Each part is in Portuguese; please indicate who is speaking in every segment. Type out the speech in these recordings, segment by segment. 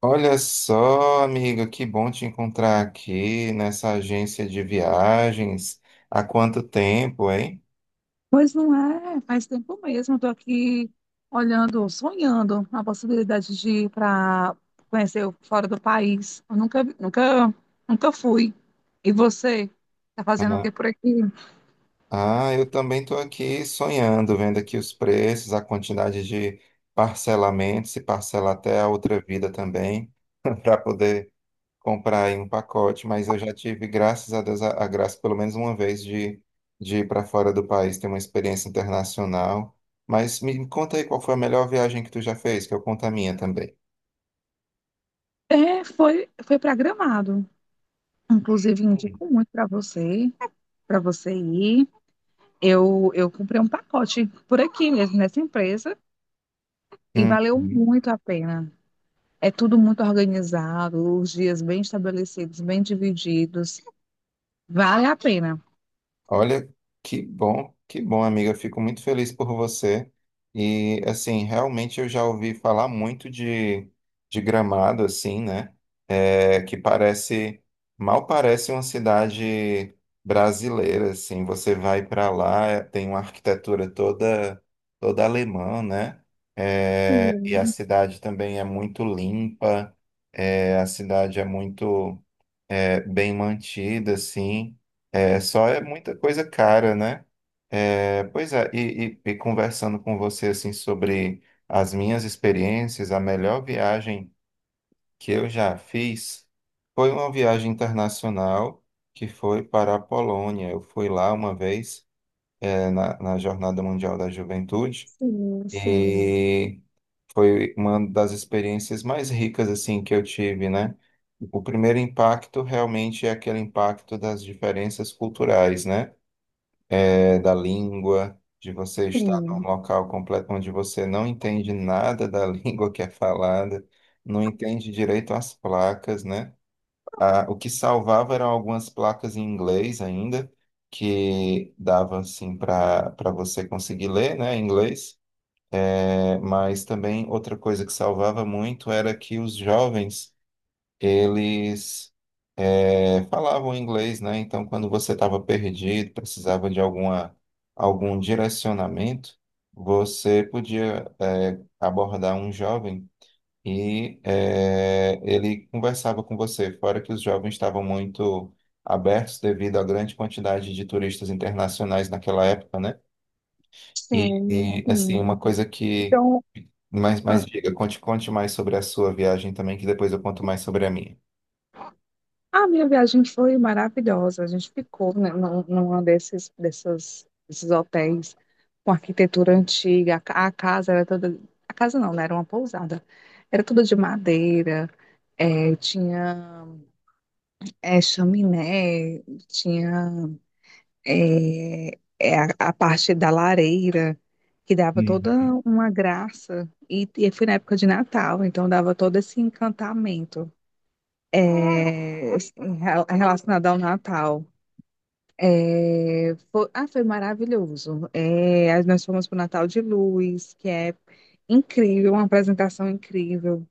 Speaker 1: Olha só, amiga, que bom te encontrar aqui nessa agência de viagens. Há quanto tempo, hein?
Speaker 2: Pois não é, faz tempo mesmo. Estou aqui olhando, sonhando a possibilidade de ir para conhecer fora do país. Eu nunca, vi- nunca, nunca fui. E você? Tá fazendo o
Speaker 1: Ah,
Speaker 2: que por aqui?
Speaker 1: eu também estou aqui sonhando, vendo aqui os preços, a quantidade de parcelamento, se parcela até a outra vida também, para poder comprar aí um pacote. Mas eu já tive, graças a Deus, a graça pelo menos uma vez de ir para fora do país, ter uma experiência internacional. Mas me conta aí qual foi a melhor viagem que tu já fez, que eu conto a minha também.
Speaker 2: Foi para Gramado. Inclusive, indico muito para você para você ir. Eu comprei um pacote por aqui mesmo, nessa empresa, e valeu
Speaker 1: Uhum.
Speaker 2: muito a pena. É tudo muito organizado, os dias bem estabelecidos, bem divididos. Vale a pena.
Speaker 1: Olha, que bom, amiga. Fico muito feliz por você. E, assim, realmente eu já ouvi falar muito de Gramado, assim, né? É, que parece, mal parece uma cidade brasileira, assim. Você vai para lá, tem uma arquitetura toda alemã, né? É, e a
Speaker 2: Sim,
Speaker 1: cidade também é muito limpa, é, a cidade é muito. É, bem mantida, assim. É, só é muita coisa cara, né? É, pois é, e conversando com você, assim, sobre as minhas experiências, a melhor viagem que eu já fiz foi uma viagem internacional que foi para a Polônia. Eu fui lá uma vez, é, na Jornada Mundial da Juventude
Speaker 2: sim, sim,
Speaker 1: e foi uma das experiências mais ricas assim que eu tive, né? O primeiro impacto realmente é aquele impacto das diferenças culturais, né? É, da língua, de você estar num
Speaker 2: sim,
Speaker 1: local completo onde você não entende nada da língua que é falada, não entende direito as placas, né? Ah, o que salvava eram algumas placas em inglês ainda, que dava assim para você conseguir ler, né, em inglês né? Mas também outra coisa que salvava muito era que os jovens, eles falavam inglês, né? Então, quando você estava perdido, precisava de alguma, algum direcionamento, você podia abordar um jovem e ele conversava com você. Fora que os jovens estavam muito abertos devido à grande quantidade de turistas internacionais naquela época, né?
Speaker 2: sim,
Speaker 1: E, assim,
Speaker 2: sim.
Speaker 1: uma coisa que.
Speaker 2: Então,
Speaker 1: Mas
Speaker 2: a
Speaker 1: diga, conte, conte mais sobre a sua viagem também, que depois eu conto mais sobre a minha.
Speaker 2: a minha viagem foi maravilhosa. A gente ficou, né, numa desses hotéis com arquitetura antiga. A casa era toda. A casa não, né? Era uma pousada. Era toda de madeira, tinha chaminé, tinha. A parte da lareira, que dava toda
Speaker 1: Hum,
Speaker 2: uma graça. E foi na época de Natal, então dava todo esse encantamento, é, relacionado ao Natal. Foi maravilhoso. É, aí nós fomos para o Natal de Luz, que é incrível, uma apresentação incrível.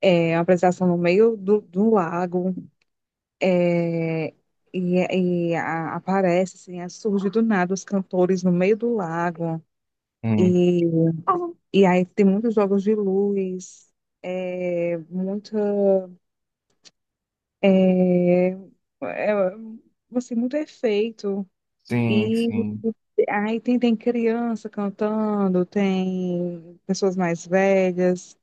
Speaker 2: É uma apresentação no meio do lago. é, e, aparece, assim, surge do nada os cantores no meio do lago.
Speaker 1: hum.
Speaker 2: E, e aí tem muitos jogos de luz, é, muito, é, é, assim, muito efeito.
Speaker 1: Sim,
Speaker 2: E
Speaker 1: sim.
Speaker 2: aí tem, tem criança cantando, tem pessoas mais velhas,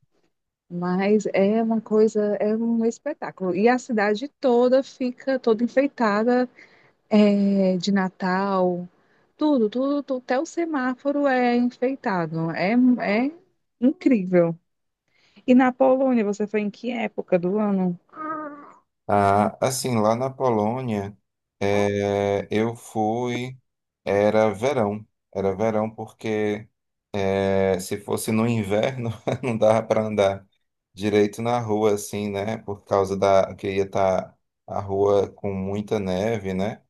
Speaker 2: mas é uma coisa, é um espetáculo. E a cidade toda fica toda enfeitada, é, de Natal, tudo, tudo, tudo, até o semáforo é enfeitado. É, é incrível. E na Polônia, você foi em que época do ano?
Speaker 1: Ah, assim, lá na Polônia,
Speaker 2: Ah.
Speaker 1: é, eu fui. Era verão. Era verão porque é, se fosse no inverno, não dava para andar direito na rua, assim, né? Por causa da que ia estar a rua com muita neve, né?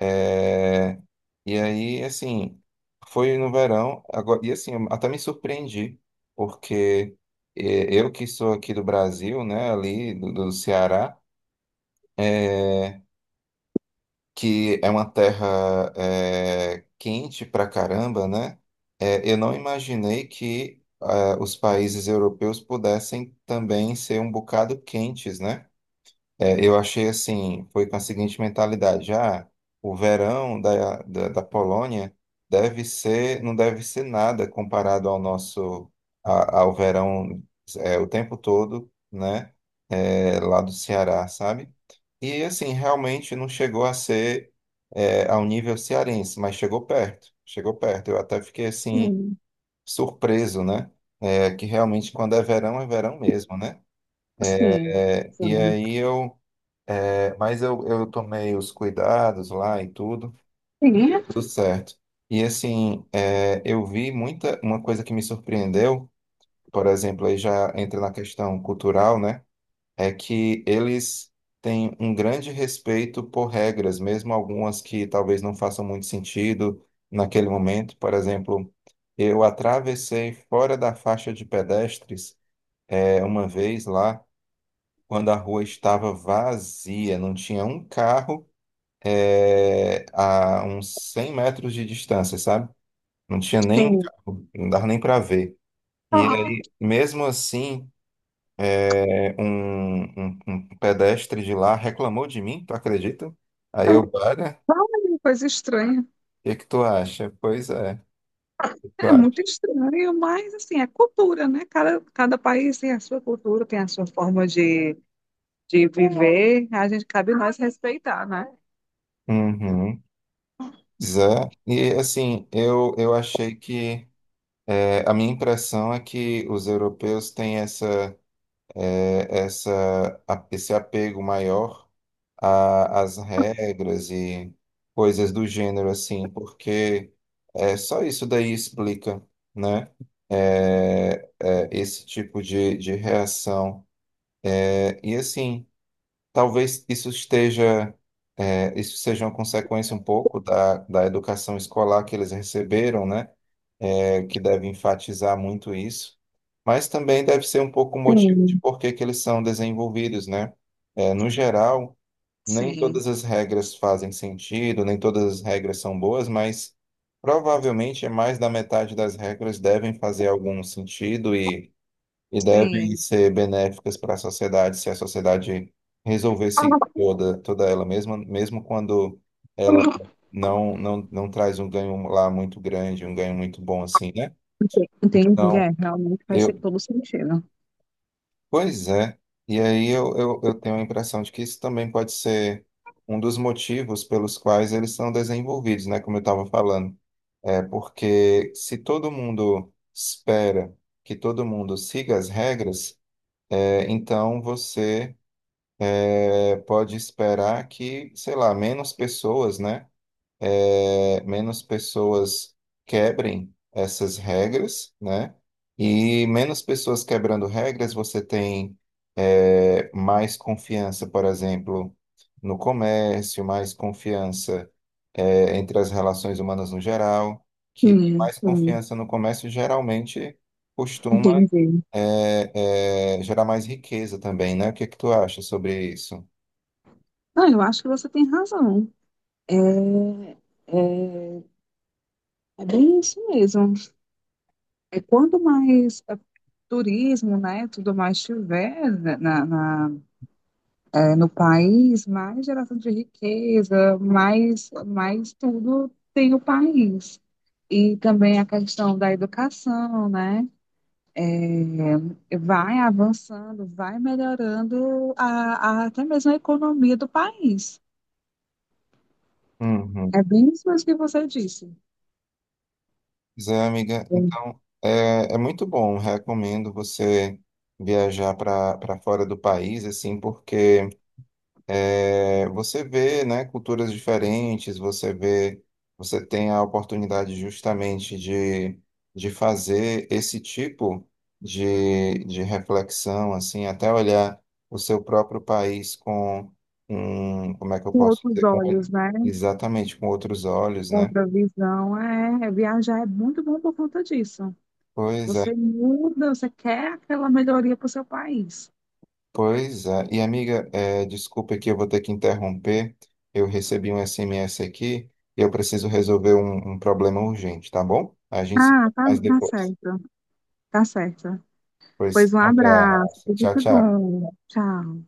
Speaker 1: É, e aí, assim, foi no verão, agora, e assim, eu até me surpreendi, porque eu que sou aqui do Brasil, né, ali do Ceará, eh, que é uma terra quente pra caramba, né, eu não imaginei que ah, os países europeus pudessem também ser um bocado quentes, né? É, eu achei assim, foi com a seguinte mentalidade, já o verão da Polônia deve ser, não deve ser nada comparado ao nosso, a- ao verão é, o tempo todo, né, é, lá do Ceará, sabe? E assim, realmente não chegou a ser é, ao nível cearense, mas chegou perto, chegou perto. Eu até fiquei assim,
Speaker 2: Sim,
Speaker 1: surpreso, né, é, que realmente quando é verão mesmo, né?
Speaker 2: sim,
Speaker 1: É, e
Speaker 2: sim.
Speaker 1: aí eu mas eu tomei os cuidados lá e tudo, e
Speaker 2: Sim,
Speaker 1: deu
Speaker 2: é,
Speaker 1: tudo certo. E assim, é, eu vi muita, uma coisa que me surpreendeu, por exemplo, aí já entra na questão cultural, né? É que eles têm um grande respeito por regras, mesmo algumas que talvez não façam muito sentido naquele momento. Por exemplo, eu atravessei fora da faixa de pedestres, é, uma vez lá, quando a rua estava vazia, não tinha um carro é, a uns 100 metros de distância, sabe? Não tinha nem um
Speaker 2: sim.
Speaker 1: carro, não dava nem para ver. E aí, mesmo assim, é, um pedestre de lá reclamou de mim, tu acredita? Aí eu, olha,
Speaker 2: Olha, coisa estranha.
Speaker 1: o que que tu acha? Pois é, o que tu
Speaker 2: É muito
Speaker 1: acha?
Speaker 2: estranho, mas assim, é cultura, né? Cada país tem a sua cultura, tem a sua forma de viver. A gente cabe nós respeitar, né?
Speaker 1: Uhum. Zé. E assim, eu achei que é, a minha impressão é que os europeus têm essa, é, essa, a- esse apego maior a- as regras e coisas do gênero, assim, porque é, só isso daí explica, né? É, é, esse tipo de reação. É, e assim, talvez isso esteja, é, isso seja uma consequência um pouco da educação escolar que eles receberam, né? É, que deve enfatizar muito isso. Mas também deve ser um pouco o motivo de
Speaker 2: Sim.
Speaker 1: por que que eles são desenvolvidos, né? É, no geral, nem
Speaker 2: Sim,
Speaker 1: todas as regras fazem sentido, nem todas as regras são boas, mas provavelmente é mais da metade das regras devem fazer algum sentido e devem
Speaker 2: sim.
Speaker 1: ser benéficas para a sociedade se a sociedade resolver seguir toda, toda ela, mesma mesmo quando ela não traz um ganho lá muito grande, um ganho muito bom assim, né?
Speaker 2: Entendi.
Speaker 1: Então,
Speaker 2: É, realmente faz ser
Speaker 1: eu,
Speaker 2: todo sentido.
Speaker 1: pois é, e aí eu tenho a impressão de que isso também pode ser um dos motivos pelos quais eles são desenvolvidos, né? Como eu estava falando. É porque se todo mundo espera que todo mundo siga as regras, é, então você é, pode esperar que, sei lá, menos pessoas, né? É, menos pessoas quebrem essas regras, né? E menos pessoas quebrando regras, você tem é, mais confiança, por exemplo, no comércio, mais confiança é, entre as relações humanas no geral, que
Speaker 2: Sim,
Speaker 1: mais
Speaker 2: sim,
Speaker 1: confiança no comércio geralmente costuma
Speaker 2: entendi.
Speaker 1: é, é, gerar mais riqueza também, né? O que é que tu acha sobre isso?
Speaker 2: Não, eu acho que você tem razão. É, é, É bem isso mesmo. Quanto mais turismo, né, tudo mais tiver, né, no país, mais geração de riqueza, mais, mais tudo tem o país. E também a questão da educação, né, é, vai avançando, vai melhorando até mesmo a economia do país. É bem isso mesmo que você disse.
Speaker 1: Pois é, amiga.
Speaker 2: Com
Speaker 1: Então, é, é muito bom. Recomendo você viajar para fora do país, assim, porque é, você vê, né, culturas diferentes, você vê, você tem a oportunidade justamente de fazer esse tipo de reflexão, assim, até olhar o seu próprio país com um, como é que eu posso
Speaker 2: outros
Speaker 1: dizer, com,
Speaker 2: olhos, né,
Speaker 1: exatamente com outros olhos,
Speaker 2: com
Speaker 1: né?
Speaker 2: outra visão, é, viajar é muito bom por conta disso.
Speaker 1: Pois é.
Speaker 2: Você muda, você quer aquela melhoria para o seu país.
Speaker 1: Pois é. E amiga, é, desculpa que eu vou ter que interromper. Eu recebi um SMS aqui e eu preciso resolver um problema urgente, tá bom? A gente se
Speaker 2: Ah,
Speaker 1: fala
Speaker 2: tá,
Speaker 1: mais
Speaker 2: tá
Speaker 1: depois.
Speaker 2: certo. Tá certo.
Speaker 1: Pois,
Speaker 2: Pois um
Speaker 1: um
Speaker 2: abraço,
Speaker 1: abraço.
Speaker 2: tudo
Speaker 1: Tchau,
Speaker 2: de
Speaker 1: tchau.
Speaker 2: bom. Tchau.